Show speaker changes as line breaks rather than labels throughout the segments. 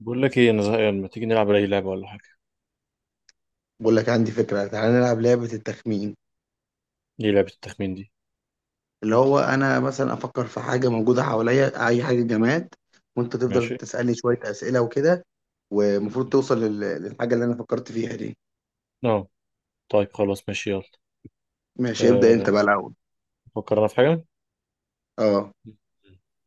بقول لك ايه، انا زهقان. ما تيجي نلعب اي لعبه ولا حاجه؟
بقول لك عندي فكرة، تعالى نلعب لعبة التخمين.
دي لعبه التخمين دي؟
اللي هو أنا مثلا أفكر في حاجة موجودة حواليا، أي حاجة جماد، وأنت تفضل
ماشي.
تسألني شوية أسئلة وكده، والمفروض توصل للحاجة اللي أنا فكرت فيها دي.
اه طيب خلاص ماشي يلا.
ماشي، ابدأ أنت
أه
بقى الأول.
فكر انا في حاجه.
أه،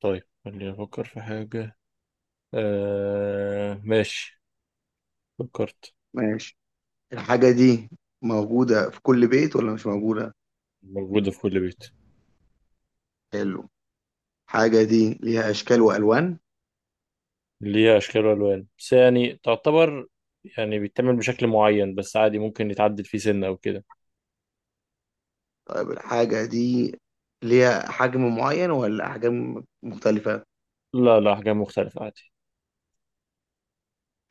طيب خليني افكر في حاجه. ماشي. فكرت.
ماشي. الحاجة دي موجودة في كل بيت ولا مش موجودة؟
موجوده في كل بيت.
حلو. الحاجة دي ليها أشكال وألوان.
ليها اشكال والوان بس يعني تعتبر، يعني بيتعمل بشكل معين بس عادي، ممكن يتعدل فيه سنه او كده.
طيب الحاجة دي ليها حجم معين ولا أحجام مختلفة؟
لا لا، حاجه مختلفه عادي.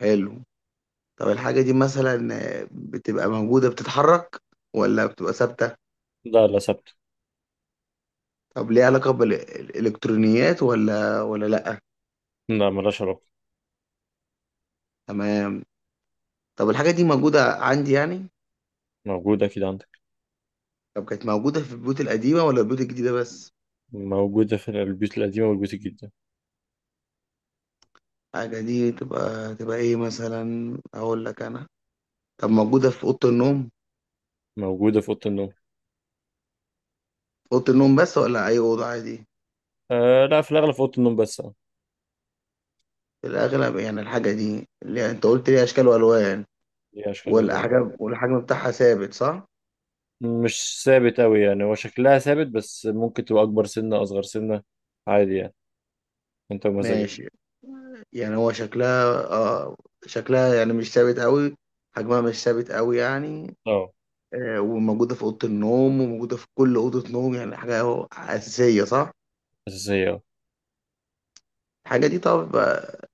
حلو. طب الحاجة دي مثلا بتبقى موجودة، بتتحرك ولا بتبقى ثابتة؟
لا لا ثابته.
طب ليها علاقة بالإلكترونيات ولا لأ؟
لا، ملهاش علاقه.
تمام. طب الحاجة دي موجودة عندي يعني؟
موجوده كده عندك.
طب كانت موجودة في البيوت القديمة ولا البيوت الجديدة بس؟
موجوده في البيوت القديمه والبيوت الجديده.
الحاجة دي تبقى إيه مثلا؟ أقول لك أنا. طب موجودة في أوضة النوم؟
موجوده في اوضه النوم.
في أوضة النوم بس ولا أي أوضة عادي؟
لا، في الأغلب في أوضة النوم بس، اه.
في الأغلب. يعني الحاجة دي اللي أنت قلت ليها أشكال وألوان
هي أشكال الألوان اه.
والحجم بتاعها ثابت، صح؟
مش ثابت أوي، يعني هو شكلها ثابت بس ممكن تبقى أكبر سنة أصغر سنة، عادي يعني، أنت ومزاجك.
ماشي. يعني هو شكلها شكلها يعني مش ثابت قوي، حجمها مش ثابت قوي يعني.
اه
وموجودة في أوضة النوم، وموجودة في كل أوضة نوم، يعني حاجة أهو أساسية، صح؟
أساسية اه.
الحاجة دي، طب،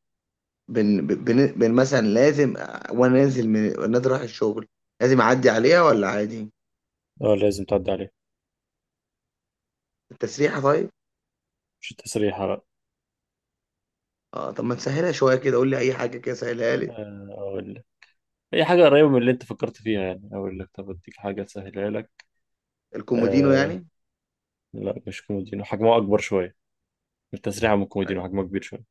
بن, بن, بن مثلا لازم، وأنا نازل رايح الشغل، لازم أعدي عليها ولا عادي؟
اه لازم تعدي عليها.
التسريحة، طيب؟
مش تسريحة بقى.
اه، طب ما تسهلها شوية كده، قول لي أي حاجة كده سهلها لي.
آه أقول لك، أي حاجة قريبة من اللي أنت فكرت فيها، يعني أقول لك طب أديك حاجة تسهلها لك.
الكومودينو
آه.
يعني.
لا مش كومودينو، حجمه أكبر شوية. التسريحة من الكومودينو حجمها كبير شوية.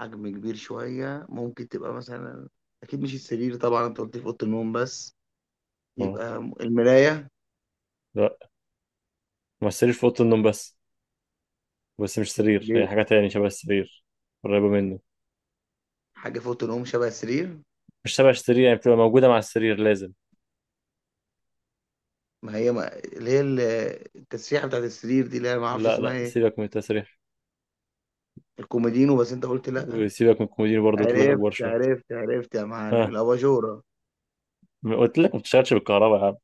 حجم كبير شوية، ممكن تبقى مثلا، أكيد مش السرير طبعا، أنت قلت لي في أوضة النوم بس.
اه.
يبقى المراية.
لا. ما السرير في أوضة النوم بس. بس مش سرير، هي
اللي
حاجة تاني شبه السرير. قريبة منه.
حاجة فوق تنقوم شبه السرير.
مش تبع السرير، يعني بتبقى موجودة مع السرير لازم.
ما هي ما اللي هي ال- التسريحة بتاعت السرير دي اللي أنا ما أعرفش
لا
اسمها
لا،
إيه.
سيبك من التسريح.
الكوميدينو، بس أنت قلت لأ.
وسيبك من الكومودينو برضه، قلت لك أكبر
عرفت
شوية.
عرفت عرفت يا معلم،
ها.
الأباجورة.
ما قلت لك ما بتشتغلش بالكهرباء يا عم.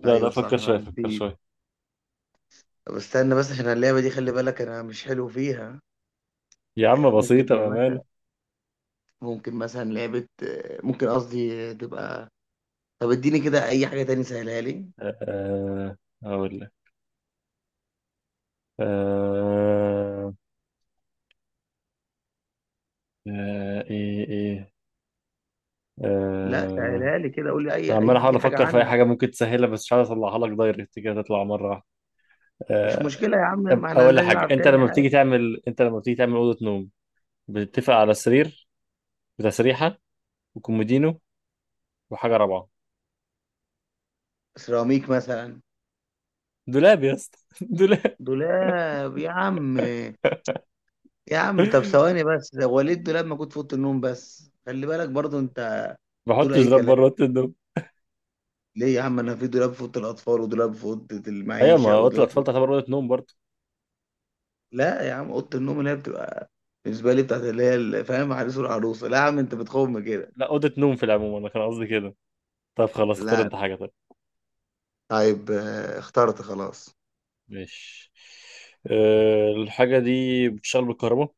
لا لا،
أيوه صح،
فكر شوية
أنا
فكر
نسيت.
شوية.
طب استنى بس، عشان اللعبة دي خلي بالك أنا مش حلو فيها.
يا عم بسيطة
ممكن إيه
بأمانة.
مثلا؟ ممكن مثلا لعبة، ممكن قصدي، تبقى. طب اديني كده أي حاجة تاني سهلها لي.
أه آه، أقول لك. أه آه، إيه.
لا،
أه
سهلها لي كده، قول لي أي
عمال أحاول
أي حاجة
أفكر في أي
عنها.
حاجة ممكن تسهلها، بس مش عارف أطلعها لك دايركت كده تطلع مرة واحدة.
مش
آه،
مشكلة يا عم، ما احنا
أقول لك حاجة.
هنلعب تاني عادي.
أنت لما بتيجي تعمل أوضة نوم، بتتفق على السرير، بتسريحة، وكومودينو، وحاجه رابعه.
سيراميك مثلا.
دولاب يا اسطى دولاب.
دولاب يا عم. يا عم طب ثواني بس، ده وليد دولاب موجود في اوضه النوم بس، خلي بالك برضو انت
ما
تقول
بحطش
اي
دولاب بره
كلام.
اوضه النوم.
ليه يا عم؟ انا في دولاب في اوضه الاطفال، ودولاب في اوضه
ايوه،
المعيشه،
ما اوضه
ودولاب في...
الاطفال تعتبر اوضه نوم برضه.
لا يا عم، اوضه النوم اللي هي بتبقى بالنسبه لي بتاعت اللي هي فاهم، عريس والعروسه. لا يا عم انت بتخم كده.
لا، اوضه نوم في العموم، انا كان قصدي كده. طب خلاص اختار
لا.
انت حاجه طيب.
طيب، اخترت خلاص.
ماشي. أه الحاجه دي بتشتغل بالكهرباء.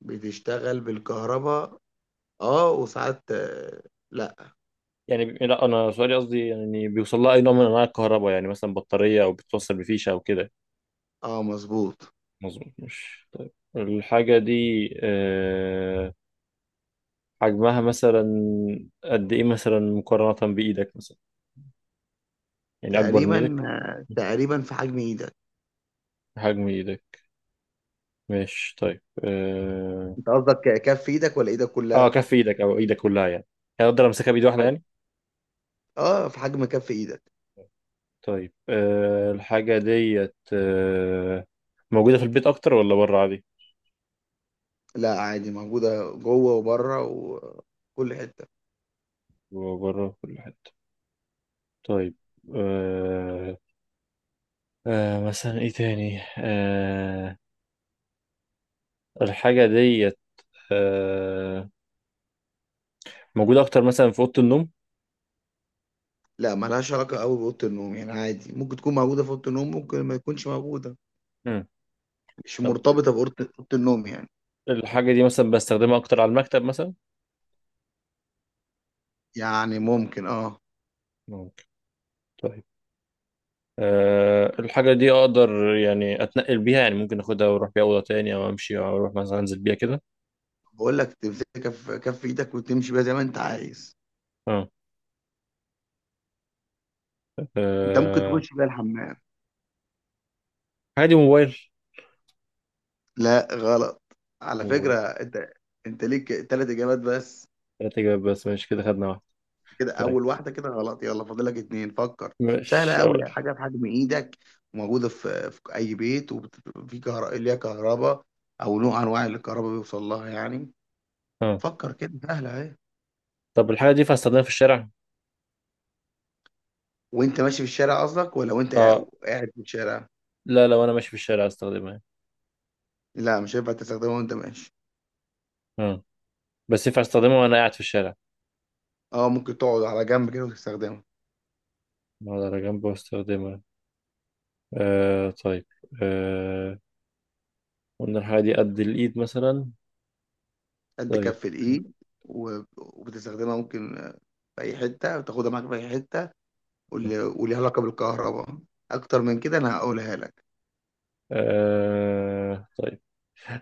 بتشتغل بالكهرباء. اه، وساعات لا.
لا انا سؤالي قصدي يعني بيوصل لها اي نوع من انواع الكهرباء، يعني مثلا بطاريه او بتوصل بفيشه او كده.
اه مظبوط.
مظبوط مش. طيب الحاجه دي، أه، حجمها مثلا قد ايه مثلا مقارنه بايدك مثلا؟ يعني اكبر من
تقريبا،
ايدك؟
تقريبا في حجم ايدك.
حجم ايدك. ماشي طيب
انت قصدك كف ايدك ولا ايدك
آه
كلها؟
كف ايدك او ايدك كلها يعني، يعني اقدر امسكها بايد
في
واحده
حجم،
يعني.
اه في حجم كف ايدك.
طيب آه الحاجه ديت آه موجوده في البيت اكتر ولا بره عادي؟
لا عادي، موجوده جوه وبره وكل حته.
بره في كل حته. طيب. آه. آه مثلا ايه تاني الحاجه ديت، آه موجوده اكتر مثلا في اوضه النوم؟
لا ملهاش علاقه قوي باوضه النوم، يعني عادي، ممكن تكون موجوده في اوضه النوم، ممكن ما تكونش موجوده.
مم.
مش
طب
مرتبطه أوضة النوم يعني.
الحاجه دي مثلا بستخدمها اكتر على المكتب مثلا؟
يعني ممكن، اه.
ممكن. طيب. أه الحاجة دي أقدر يعني أتنقل بيها، يعني ممكن أخدها وأروح بيها أوضة تاني أو أمشي أو أروح مثلا أنزل بيها كده.
بقول لك تمسكها في كف ايدك وتمشي بيها زي ما انت عايز،
أه.
انت ممكن
أه،
تخش بيها الحمام.
الحاجة دي موبايل.
لا غلط. على
موبايل.
فكره انت، انت ليك ثلاث اجابات بس.
تلات إجابات بس، ماشي كده خدنا واحدة.
كده
طيب
اول واحده كده غلط، يلا فاضلك اتنين، فكر. سهله
مش
قوي،
هقول.
حاجه بحجم ايدك، وموجوده في اي بيت، وفي كهرباء، ليها كهرباء، او نوع انواع اللي الكهرباء بيوصل لها يعني.
أه
فكر كده سهله اهي.
طب الحاجة دي ينفع أستخدمها في الشارع؟
وانت ماشي في الشارع قصدك، ولا وانت
أه
قاعد في الشارع؟
لا، لو أنا ماشي في الشارع أستخدمها يعني.
لا مش هينفع تستخدمها وانت ماشي.
أه بس ينفع أستخدمها وأنا قاعد في الشارع؟
اه، ممكن تقعد على جنب كده وتستخدمها.
أقعد على جنبه وأستخدمها. أه طيب. أه قلنا الحاجة دي قد الإيد مثلا.
قد
طيب.
كف الايد. و- وبتستخدمها ممكن في اي حته، وتاخدها معاك في اي حته، وليها علاقه بالكهرباء. اكتر من كده انا هقولها لك.
أه طيب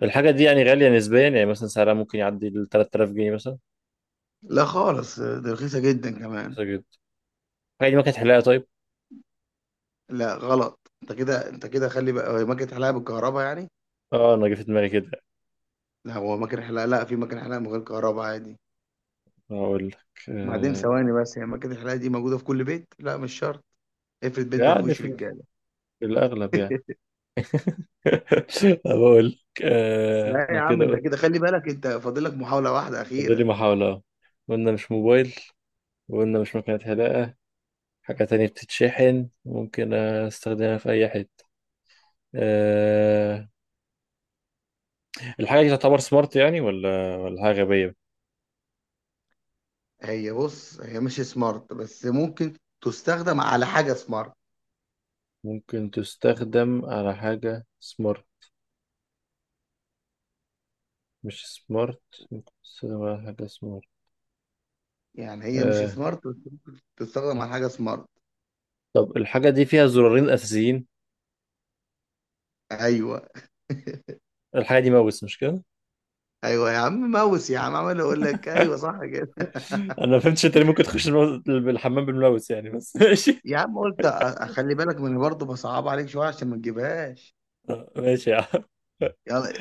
الحاجة دي يعني غالية نسبيا، يعني مثلا سعرها ممكن يعدي ال 3000 جنيه مثلا؟
لا خالص، دي رخيصة جدا كمان.
رخيصة جدا. الحاجة دي ما كانت حلاقة طيب؟
لا غلط. انت كده، انت كده، خلي بقى، هو ماكينة حلاقة بالكهرباء يعني.
اه انا جه في دماغي كده.
لا هو ماكينة حلاقة، لا في ماكينة حلاقة من غير كهرباء عادي.
اقول لك
بعدين
آه.
ثواني بس، هي ماكينة الحلاقة دي موجودة في كل بيت؟ لا مش شرط، افرض بيت ما
يعني
فيهوش
في,
رجالة.
في الاغلب يعني. بقول لك آه
لا
انا
يا عم
كده
انت
قلت.
كده خلي بالك، انت فاضلك محاولة واحدة
فاضل لي
أخيرة.
محاولة أهو. قلنا مش موبايل، وقلنا مش مكنة حلاقة. حاجة تانية بتتشحن ممكن استخدمها في أي حتة. أه... الحاجة دي تعتبر سمارت يعني ولا حاجة غبية؟
هي بص، هي مش سمارت بس ممكن تستخدم على حاجة سمارت.
ممكن تستخدم على حاجة سمارت، مش سمارت. سينما ولا حاجة سمارت.
يعني هي مش
آه.
سمارت بس ممكن تستخدم على حاجة سمارت.
طب الحاجة دي فيها زرارين أساسيين.
ايوه.
الحاجة دي ماوس مش كده؟
ايوه يا عم ماوس، يا عم عمال اقول لك ايوه صح كده.
أنا ما فهمتش أنت ليه ممكن تخش الحمام بالماوس يعني بس ماشي.
يا عم قلت اخلي بالك من برضه، بصعب عليك شويه عشان ما تجيبهاش.
آه، ماشي يا عم.
يلا،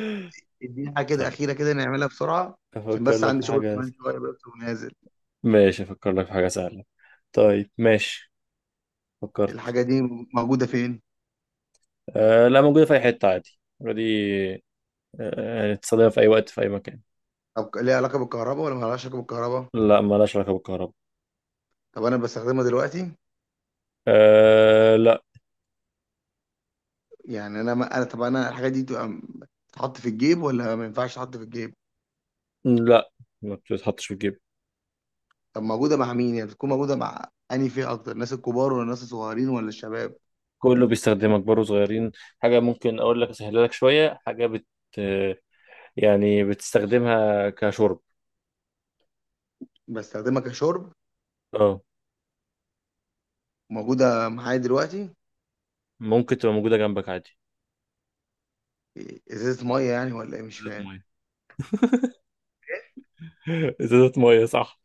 اديني حاجه كده
طيب
اخيره كده نعملها بسرعه، عشان
أفكر
بس
لك في
عندي شغل
حاجة.
كمان شويه بس ونازل.
ماشي أفكر لك في حاجة سهلة. طيب ماشي. فكرت.
الحاجه دي موجوده فين؟
آه لا، موجودة في أي حتة عادي دي. آه يعني تستخدمها في أي وقت في أي مكان.
طب ليها علاقه بالكهرباء ولا ما لهاش علاقه بالكهرباء؟
لا، مالهاش علاقة بالكهرباء.
طب انا بستخدمها دلوقتي؟
آه لا.
يعني انا ما انا طب انا الحاجه دي تبقى تتحط في الجيب ولا ما ينفعش تتحط في الجيب؟
لا ما بتتحطش في الجيب.
طب موجوده مع مين يعني، بتكون موجوده مع انهي فئه اكتر، الناس الكبار ولا الناس الصغيرين ولا الشباب؟
كله بيستخدمها، كبار وصغيرين. حاجة ممكن أقول لك أسهلها لك شوية، حاجة بت، يعني بتستخدمها كشرب.
بستخدمها كشرب؟
اه
موجوده معايا دلوقتي؟
ممكن تبقى موجودة جنبك عادي.
ازازه ميه يعني ولا ايه مش
ازازة
فاهم؟
مية. ازازة مية صح.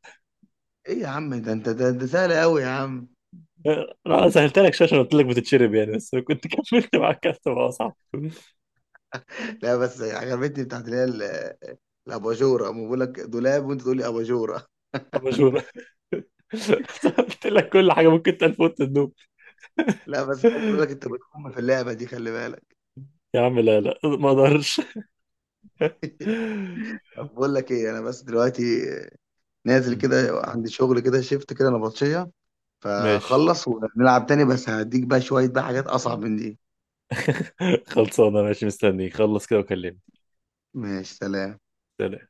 ايه يا عم ده، انت ده سهل قوي يا عم.
آه، انا سهلت لك شويه عشان قلت لك بتتشرب يعني، بس لو كنت كملت مع الكاست بقى صح.
لا بس عجبتني بتاعت اللي هي الاباجوره، أما بقول لك دولاب وانت تقول لي اباجوره.
اباجوره. قلت لك كل حاجه ممكن تنفوت النوم.
لا بس خلي بالك انت بتقوم في اللعبه دي، خلي بالك.
يا عم لا لا ما اقدرش.
طب بقول لك ايه، انا بس دلوقتي نازل كده، عندي شغل كده، شيفت كده نبطشيه،
ماشي.
فخلص ونلعب تاني، بس هديك بقى شويه بقى حاجات اصعب من دي.
خلصانه ماشي، مستنيك خلص كده وكلمني.
ماشي، سلام.
سلام.